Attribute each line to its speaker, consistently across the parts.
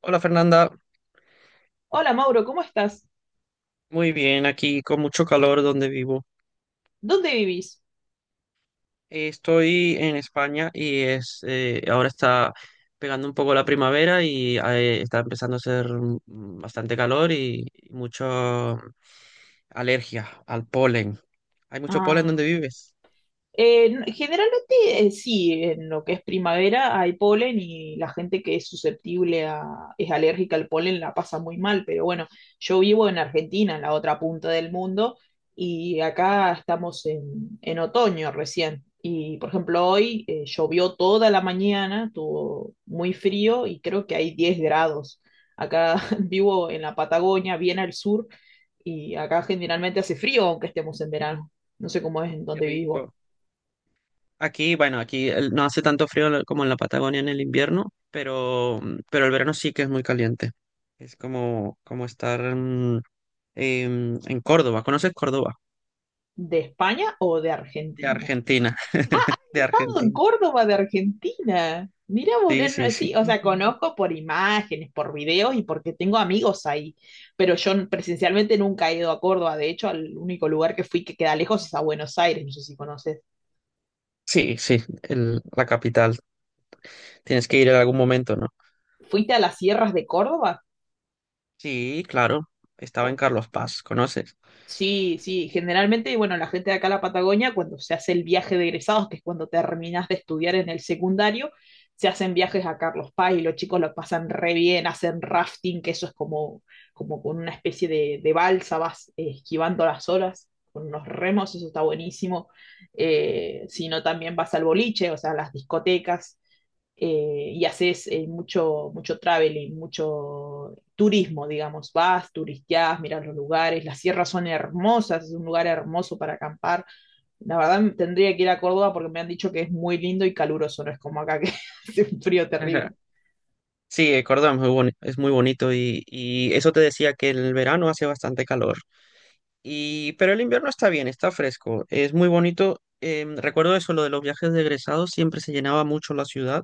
Speaker 1: Hola Fernanda,
Speaker 2: Hola Mauro, ¿cómo estás?
Speaker 1: muy bien, aquí con mucho calor donde vivo.
Speaker 2: ¿Dónde vivís?
Speaker 1: Estoy en España y es ahora está pegando un poco la primavera y está empezando a hacer bastante calor y mucho alergia al polen. ¿Hay mucho polen
Speaker 2: Ah,
Speaker 1: donde vives?
Speaker 2: Generalmente sí, en lo que es primavera hay polen y la gente que es susceptible a, es alérgica al polen la pasa muy mal, pero bueno, yo vivo en Argentina, en la otra punta del mundo, y acá estamos en otoño recién. Y por ejemplo, hoy llovió toda la mañana, estuvo muy frío y creo que hay 10 grados. Acá vivo en la Patagonia, bien al sur, y acá generalmente hace frío aunque estemos en verano. No sé cómo es en
Speaker 1: Qué
Speaker 2: donde vivís.
Speaker 1: rico. Aquí, bueno, no hace tanto frío en como en la Patagonia en el invierno, pero el verano sí que es muy caliente. Es como, como estar en Córdoba. ¿Conoces Córdoba?
Speaker 2: ¿De España o de
Speaker 1: De
Speaker 2: Argentina?
Speaker 1: Argentina, de
Speaker 2: He estado en
Speaker 1: Argentina.
Speaker 2: Córdoba de Argentina. Mira, vos,
Speaker 1: Sí, sí, sí.
Speaker 2: sí, o sea, conozco por imágenes, por videos y porque tengo amigos ahí, pero presencialmente nunca he ido a Córdoba. De hecho, al único lugar que fui que queda lejos es a Buenos Aires, no sé si conoces.
Speaker 1: Sí, sí, la capital. Tienes que ir en algún momento, ¿no?
Speaker 2: ¿Fuiste a las sierras de Córdoba?
Speaker 1: Sí, claro. Estaba en Carlos Paz, ¿conoces?
Speaker 2: Sí, sí, generalmente, bueno, la gente de acá a la Patagonia, cuando se hace el viaje de egresados, que es cuando terminas de estudiar en el secundario, se hacen viajes a Carlos Paz y los chicos lo pasan re bien, hacen rafting, que eso es como, como con una especie de balsa, vas esquivando las olas con unos remos, eso está buenísimo. Si no, también vas al boliche, o sea, a las discotecas, y haces mucho, mucho traveling, mucho turismo, digamos, vas, turisteás, miras los lugares, las sierras son hermosas, es un lugar hermoso para acampar. La verdad tendría que ir a Córdoba porque me han dicho que es muy lindo y caluroso, no es como acá que hace un frío
Speaker 1: Ajá.
Speaker 2: terrible,
Speaker 1: Sí, Córdoba es es muy bonito y eso te decía que el verano hace bastante calor. Y, pero el invierno está bien, está fresco, es muy bonito. Recuerdo eso, lo de los viajes de egresados, siempre se llenaba mucho la ciudad,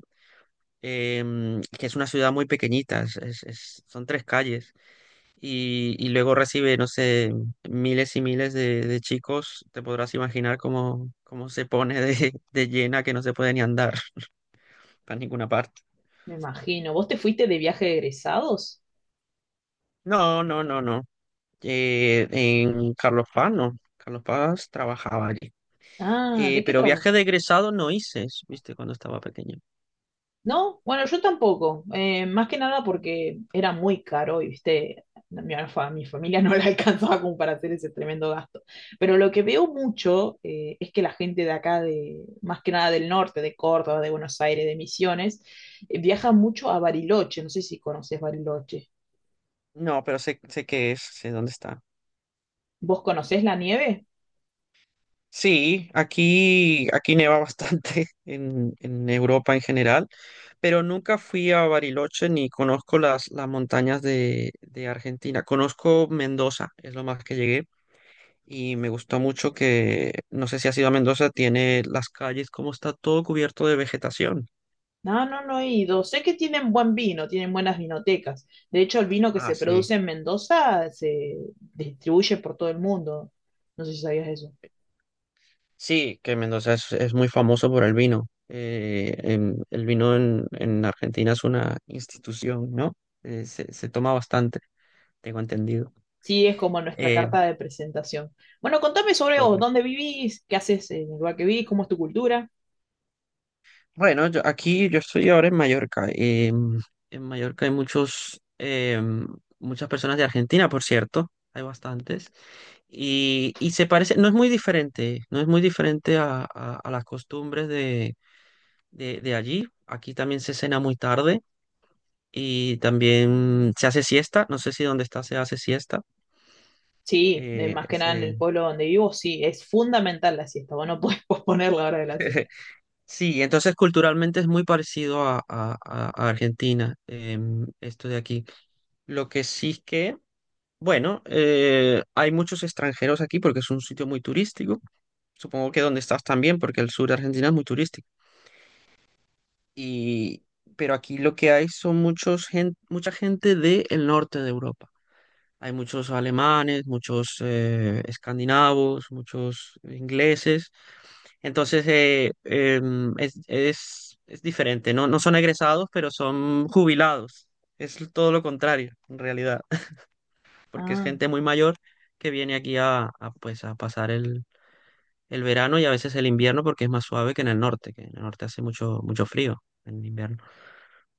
Speaker 1: que es una ciudad muy pequeñita, son tres calles. Y, y luego recibe, no sé, miles y miles de chicos, te podrás imaginar cómo, cómo se pone de, de llena que no se puede ni andar para ninguna parte.
Speaker 2: me imagino. ¿Vos te fuiste de viaje de egresados?
Speaker 1: No, no, no, no. En Carlos Paz, no. Carlos Paz trabajaba allí.
Speaker 2: Ah, ¿de qué,
Speaker 1: Pero
Speaker 2: trabajo?
Speaker 1: viaje de egresado no hice, viste, cuando estaba pequeño.
Speaker 2: No, bueno, yo tampoco. Más que nada porque era muy caro y, viste, mi familia no la alcanzaba como para hacer ese tremendo gasto. Pero lo que veo mucho es que la gente de acá, de, más que nada del norte, de Córdoba, de Buenos Aires, de Misiones, viaja mucho a Bariloche. No sé si conoces Bariloche.
Speaker 1: No, pero sé, sé qué es, sé dónde está.
Speaker 2: ¿Vos conocés la nieve?
Speaker 1: Sí, aquí, aquí neva bastante en Europa en general. Pero nunca fui a Bariloche ni conozco las montañas de Argentina. Conozco Mendoza, es lo más que llegué. Y me gustó mucho que, no sé si has ido a Mendoza, tiene las calles, como está todo cubierto de vegetación.
Speaker 2: No, no, no he ido. Sé que tienen buen vino, tienen buenas vinotecas. De hecho, el vino que
Speaker 1: Ah,
Speaker 2: se
Speaker 1: sí.
Speaker 2: produce en Mendoza se distribuye por todo el mundo. No sé si sabías eso.
Speaker 1: Sí, que Mendoza es muy famoso por el vino. El vino en Argentina es una institución, ¿no? Se, se toma bastante, tengo entendido.
Speaker 2: Sí, es como nuestra
Speaker 1: Eh,
Speaker 2: carta de presentación. Bueno, contame sobre vos,
Speaker 1: Correcto.
Speaker 2: dónde vivís, qué haces en el lugar que vivís, cómo es tu cultura.
Speaker 1: Bueno, yo, aquí yo estoy ahora en Mallorca. En Mallorca hay muchos, muchas personas de Argentina, por cierto. Hay bastantes. Y se parece, no es muy diferente, no es muy diferente a las costumbres de allí. Aquí también se cena muy tarde y también se hace siesta. No sé si donde está se hace siesta.
Speaker 2: Sí,
Speaker 1: Eh,
Speaker 2: más que nada en
Speaker 1: ese-
Speaker 2: el pueblo donde vivo, sí, es fundamental la siesta, vos no podés posponer la hora de la siesta.
Speaker 1: Sí, entonces culturalmente es muy parecido a Argentina, esto de aquí. Lo que sí es que bueno, hay muchos extranjeros aquí porque es un sitio muy turístico. Supongo que donde estás también, porque el sur de Argentina es muy turístico. Y, pero aquí lo que hay son mucha gente del norte de Europa. Hay muchos alemanes, muchos escandinavos, muchos ingleses. Entonces es diferente. No, no son egresados, pero son jubilados. Es todo lo contrario, en realidad, porque es
Speaker 2: Ah.
Speaker 1: gente muy mayor que viene aquí a, pues, a pasar el verano y a veces el invierno porque es más suave que en el norte, que en el norte hace mucho, mucho frío en invierno.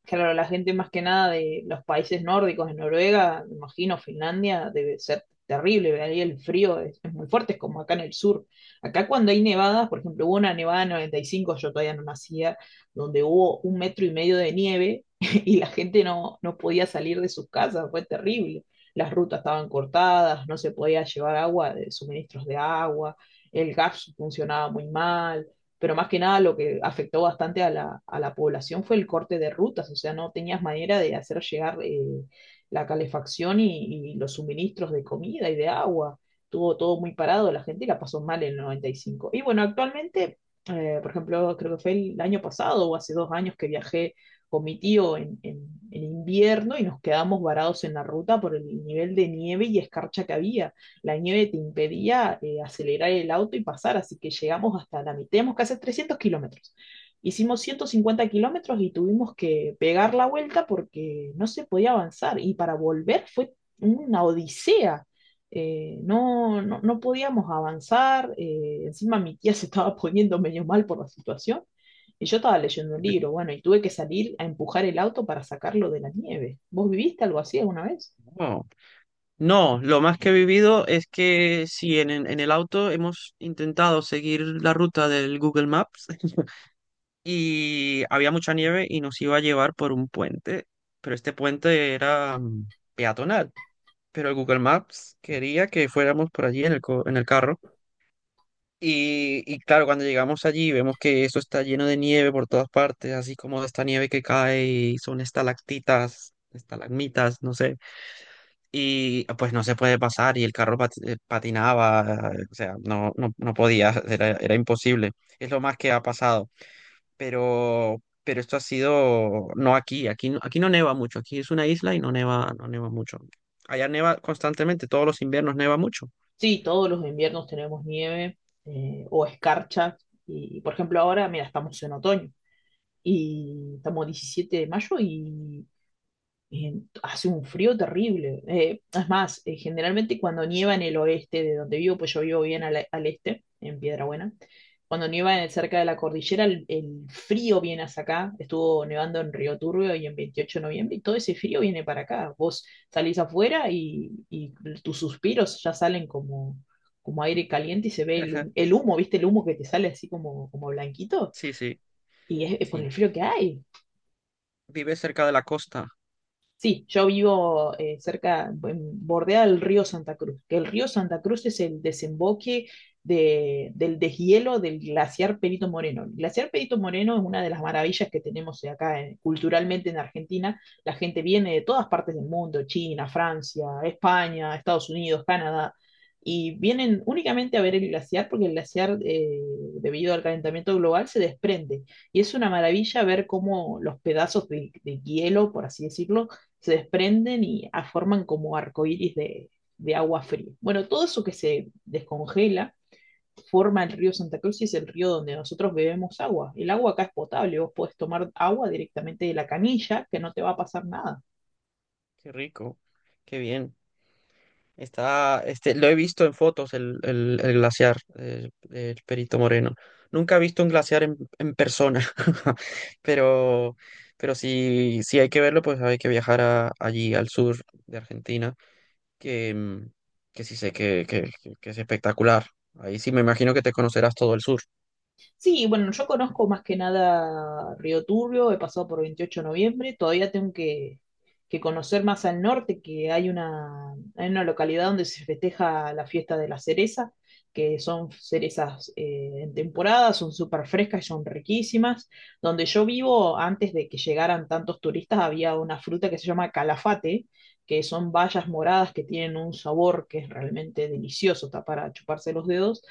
Speaker 2: Claro, la gente más que nada de los países nórdicos, de Noruega, me imagino, Finlandia, debe ser terrible, ¿verdad? Ahí el frío es muy fuerte, es como acá en el sur. Acá cuando hay nevadas, por ejemplo, hubo una nevada en 95, yo todavía no nacía, donde hubo un metro y medio de nieve y la gente no, no podía salir de sus casas, fue terrible. Las rutas estaban cortadas, no se podía llevar agua, de suministros de agua, el gas funcionaba muy mal, pero más que nada lo que afectó bastante a a la población fue el corte de rutas, o sea, no tenías manera de hacer llegar la calefacción y, los suministros de comida y de agua. Tuvo todo muy parado, la gente la pasó mal en el 95. Y cinco. Y bueno, actualmente, por ejemplo, creo que fue el año pasado o hace dos años que viajé con mi tío en invierno y nos quedamos varados en la ruta por el nivel de nieve y escarcha que había. La nieve te impedía acelerar el auto y pasar, así que llegamos hasta la mitad, tenemos que hacer 300 kilómetros. Hicimos 150 kilómetros y tuvimos que pegar la vuelta porque no se podía avanzar y para volver fue una odisea. No, no, no podíamos avanzar, encima mi tía se estaba poniendo medio mal por la situación y yo estaba leyendo un libro, bueno, y tuve que salir a empujar el auto para sacarlo de la nieve. ¿Vos viviste algo así alguna vez?
Speaker 1: No, no, lo más que he vivido es que sí en el auto hemos intentado seguir la ruta del Google Maps y había mucha nieve y nos iba a llevar por un puente, pero este puente era peatonal. Pero el Google Maps quería que fuéramos por allí en en el carro. Y claro, cuando llegamos allí vemos que eso está lleno de nieve por todas partes, así como esta nieve que cae y son estalactitas, estalagmitas, no sé. Y pues no se puede pasar y el carro patinaba, o sea, no, no, no podía, era, era imposible. Es lo más que ha pasado. Pero esto ha sido, no aquí, aquí, aquí no neva mucho, aquí es una isla y no neva, no neva mucho. Allá neva constantemente, todos los inviernos neva mucho.
Speaker 2: Sí, todos los inviernos tenemos nieve o escarcha. Y, por ejemplo, ahora, mira, estamos en otoño y estamos 17 de mayo y eh, hace un frío terrible. Es más, generalmente cuando nieva en el oeste de donde vivo, pues yo vivo bien al este, en Piedra Buena, cuando cerca de la cordillera, el frío viene hasta acá. Estuvo nevando en Río Turbio y en Veintiocho de Noviembre, y todo ese frío viene para acá. Vos salís afuera y tus suspiros ya salen como, como aire caliente y se ve el humo, ¿viste? El humo que te sale así como, como blanquito.
Speaker 1: Sí, sí,
Speaker 2: Y es por
Speaker 1: sí.
Speaker 2: el frío que hay.
Speaker 1: Vive cerca de la costa.
Speaker 2: Sí, yo vivo cerca, bordea el río Santa Cruz, que el río Santa Cruz es el desemboque del deshielo del glaciar Perito Moreno. El glaciar Perito Moreno es una de las maravillas que tenemos acá culturalmente en Argentina. La gente viene de todas partes del mundo, China, Francia, España, Estados Unidos, Canadá, y vienen únicamente a ver el glaciar porque el glaciar, debido al calentamiento global, se desprende. Y es una maravilla ver cómo los pedazos de hielo, por así decirlo, se desprenden forman como arcoíris de agua fría. Bueno, todo eso que se descongela forma el río Santa Cruz y es el río donde nosotros bebemos agua. El agua acá es potable, vos podés tomar agua directamente de la canilla, que no te va a pasar nada.
Speaker 1: Qué rico, qué bien. Está, este, lo he visto en fotos el glaciar del Perito Moreno. Nunca he visto un glaciar en persona, pero, pero si, si hay que verlo, pues hay que viajar allí al sur de Argentina, que, que sí sé que, que es espectacular. Ahí sí me imagino que te conocerás todo el sur.
Speaker 2: Sí, bueno, yo conozco más que nada Río Turbio, he pasado por Veintiocho de Noviembre, todavía tengo que conocer más al norte, que hay hay una localidad donde se festeja la fiesta de la cereza, que son cerezas en temporada, son súper frescas y son riquísimas. Donde yo vivo, antes de que llegaran tantos turistas, había una fruta que se llama calafate, que son bayas moradas que tienen un sabor que es realmente delicioso, está para chuparse los dedos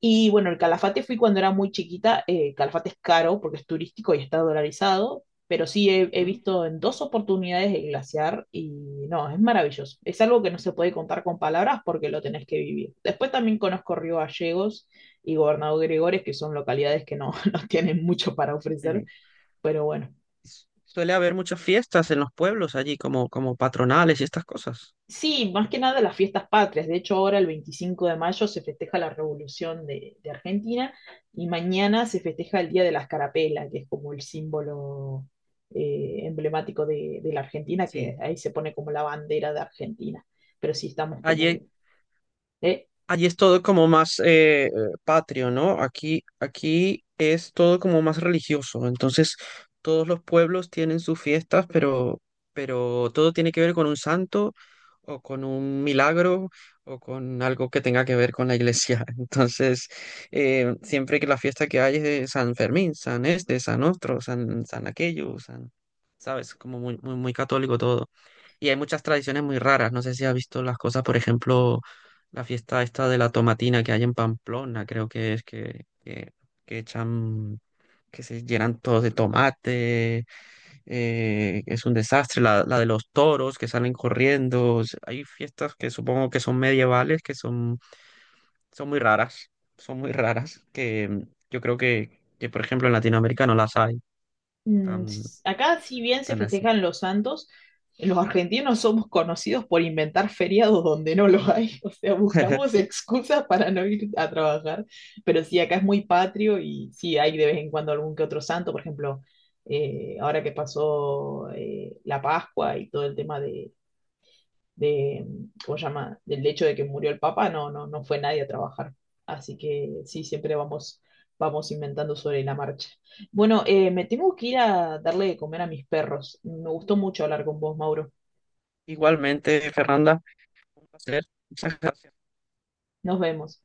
Speaker 2: y bueno, el Calafate fui cuando era muy chiquita. Calafate es caro porque es turístico y está dolarizado, pero sí he
Speaker 1: Ujú.
Speaker 2: visto en dos oportunidades el glaciar y no, es maravilloso. Es algo que no se puede contar con palabras porque lo tenés que vivir. Después también conozco Río Gallegos y Gobernador Gregores, que son localidades que no, no tienen mucho para
Speaker 1: Sí,
Speaker 2: ofrecer,
Speaker 1: sí.
Speaker 2: pero bueno.
Speaker 1: Suele haber muchas fiestas en los pueblos allí, como, como patronales y estas cosas.
Speaker 2: Sí, más que nada las fiestas patrias. De hecho, ahora el 25 de mayo se festeja la Revolución de Argentina y mañana se festeja el Día de la Escarapela, que es como el símbolo emblemático de la Argentina, que
Speaker 1: Sí.
Speaker 2: ahí se pone como la bandera de Argentina. Pero sí estamos como...
Speaker 1: Allí,
Speaker 2: ¿eh?
Speaker 1: allí es todo como más patrio, ¿no? Aquí, aquí es todo como más religioso. Entonces, todos los pueblos tienen sus fiestas, pero todo tiene que ver con un santo o con un milagro o con algo que tenga que ver con la iglesia. Entonces, siempre que la fiesta que hay es de San Fermín, San Este, San Otro, San, San aquello, San, ¿sabes? Como muy, muy, muy católico todo. Y hay muchas tradiciones muy raras. No sé si has visto las cosas, por ejemplo la fiesta esta de la tomatina que hay en Pamplona, creo que es que echan, que se llenan todos de tomate, es un desastre. La de los toros que salen corriendo. O sea, hay fiestas que supongo que son medievales, que son, son muy raras, son muy raras, que yo creo que, por ejemplo, en Latinoamérica no las hay tan,
Speaker 2: Acá, si bien se
Speaker 1: tan así.
Speaker 2: festejan los santos, los argentinos somos conocidos por inventar feriados donde no los hay. O sea, buscamos excusas para no ir a trabajar. Pero sí, acá es muy patrio y sí hay de vez en cuando algún que otro santo. Por ejemplo, ahora que pasó la Pascua y todo el tema de, ¿cómo se llama? Del hecho de que murió el Papa, no, no, no fue nadie a trabajar. Así que sí, siempre vamos, vamos inventando sobre la marcha. Bueno, me tengo que ir a darle de comer a mis perros. Me gustó mucho hablar con vos, Mauro.
Speaker 1: Igualmente, Fernanda, un placer. Muchas gracias.
Speaker 2: Nos vemos.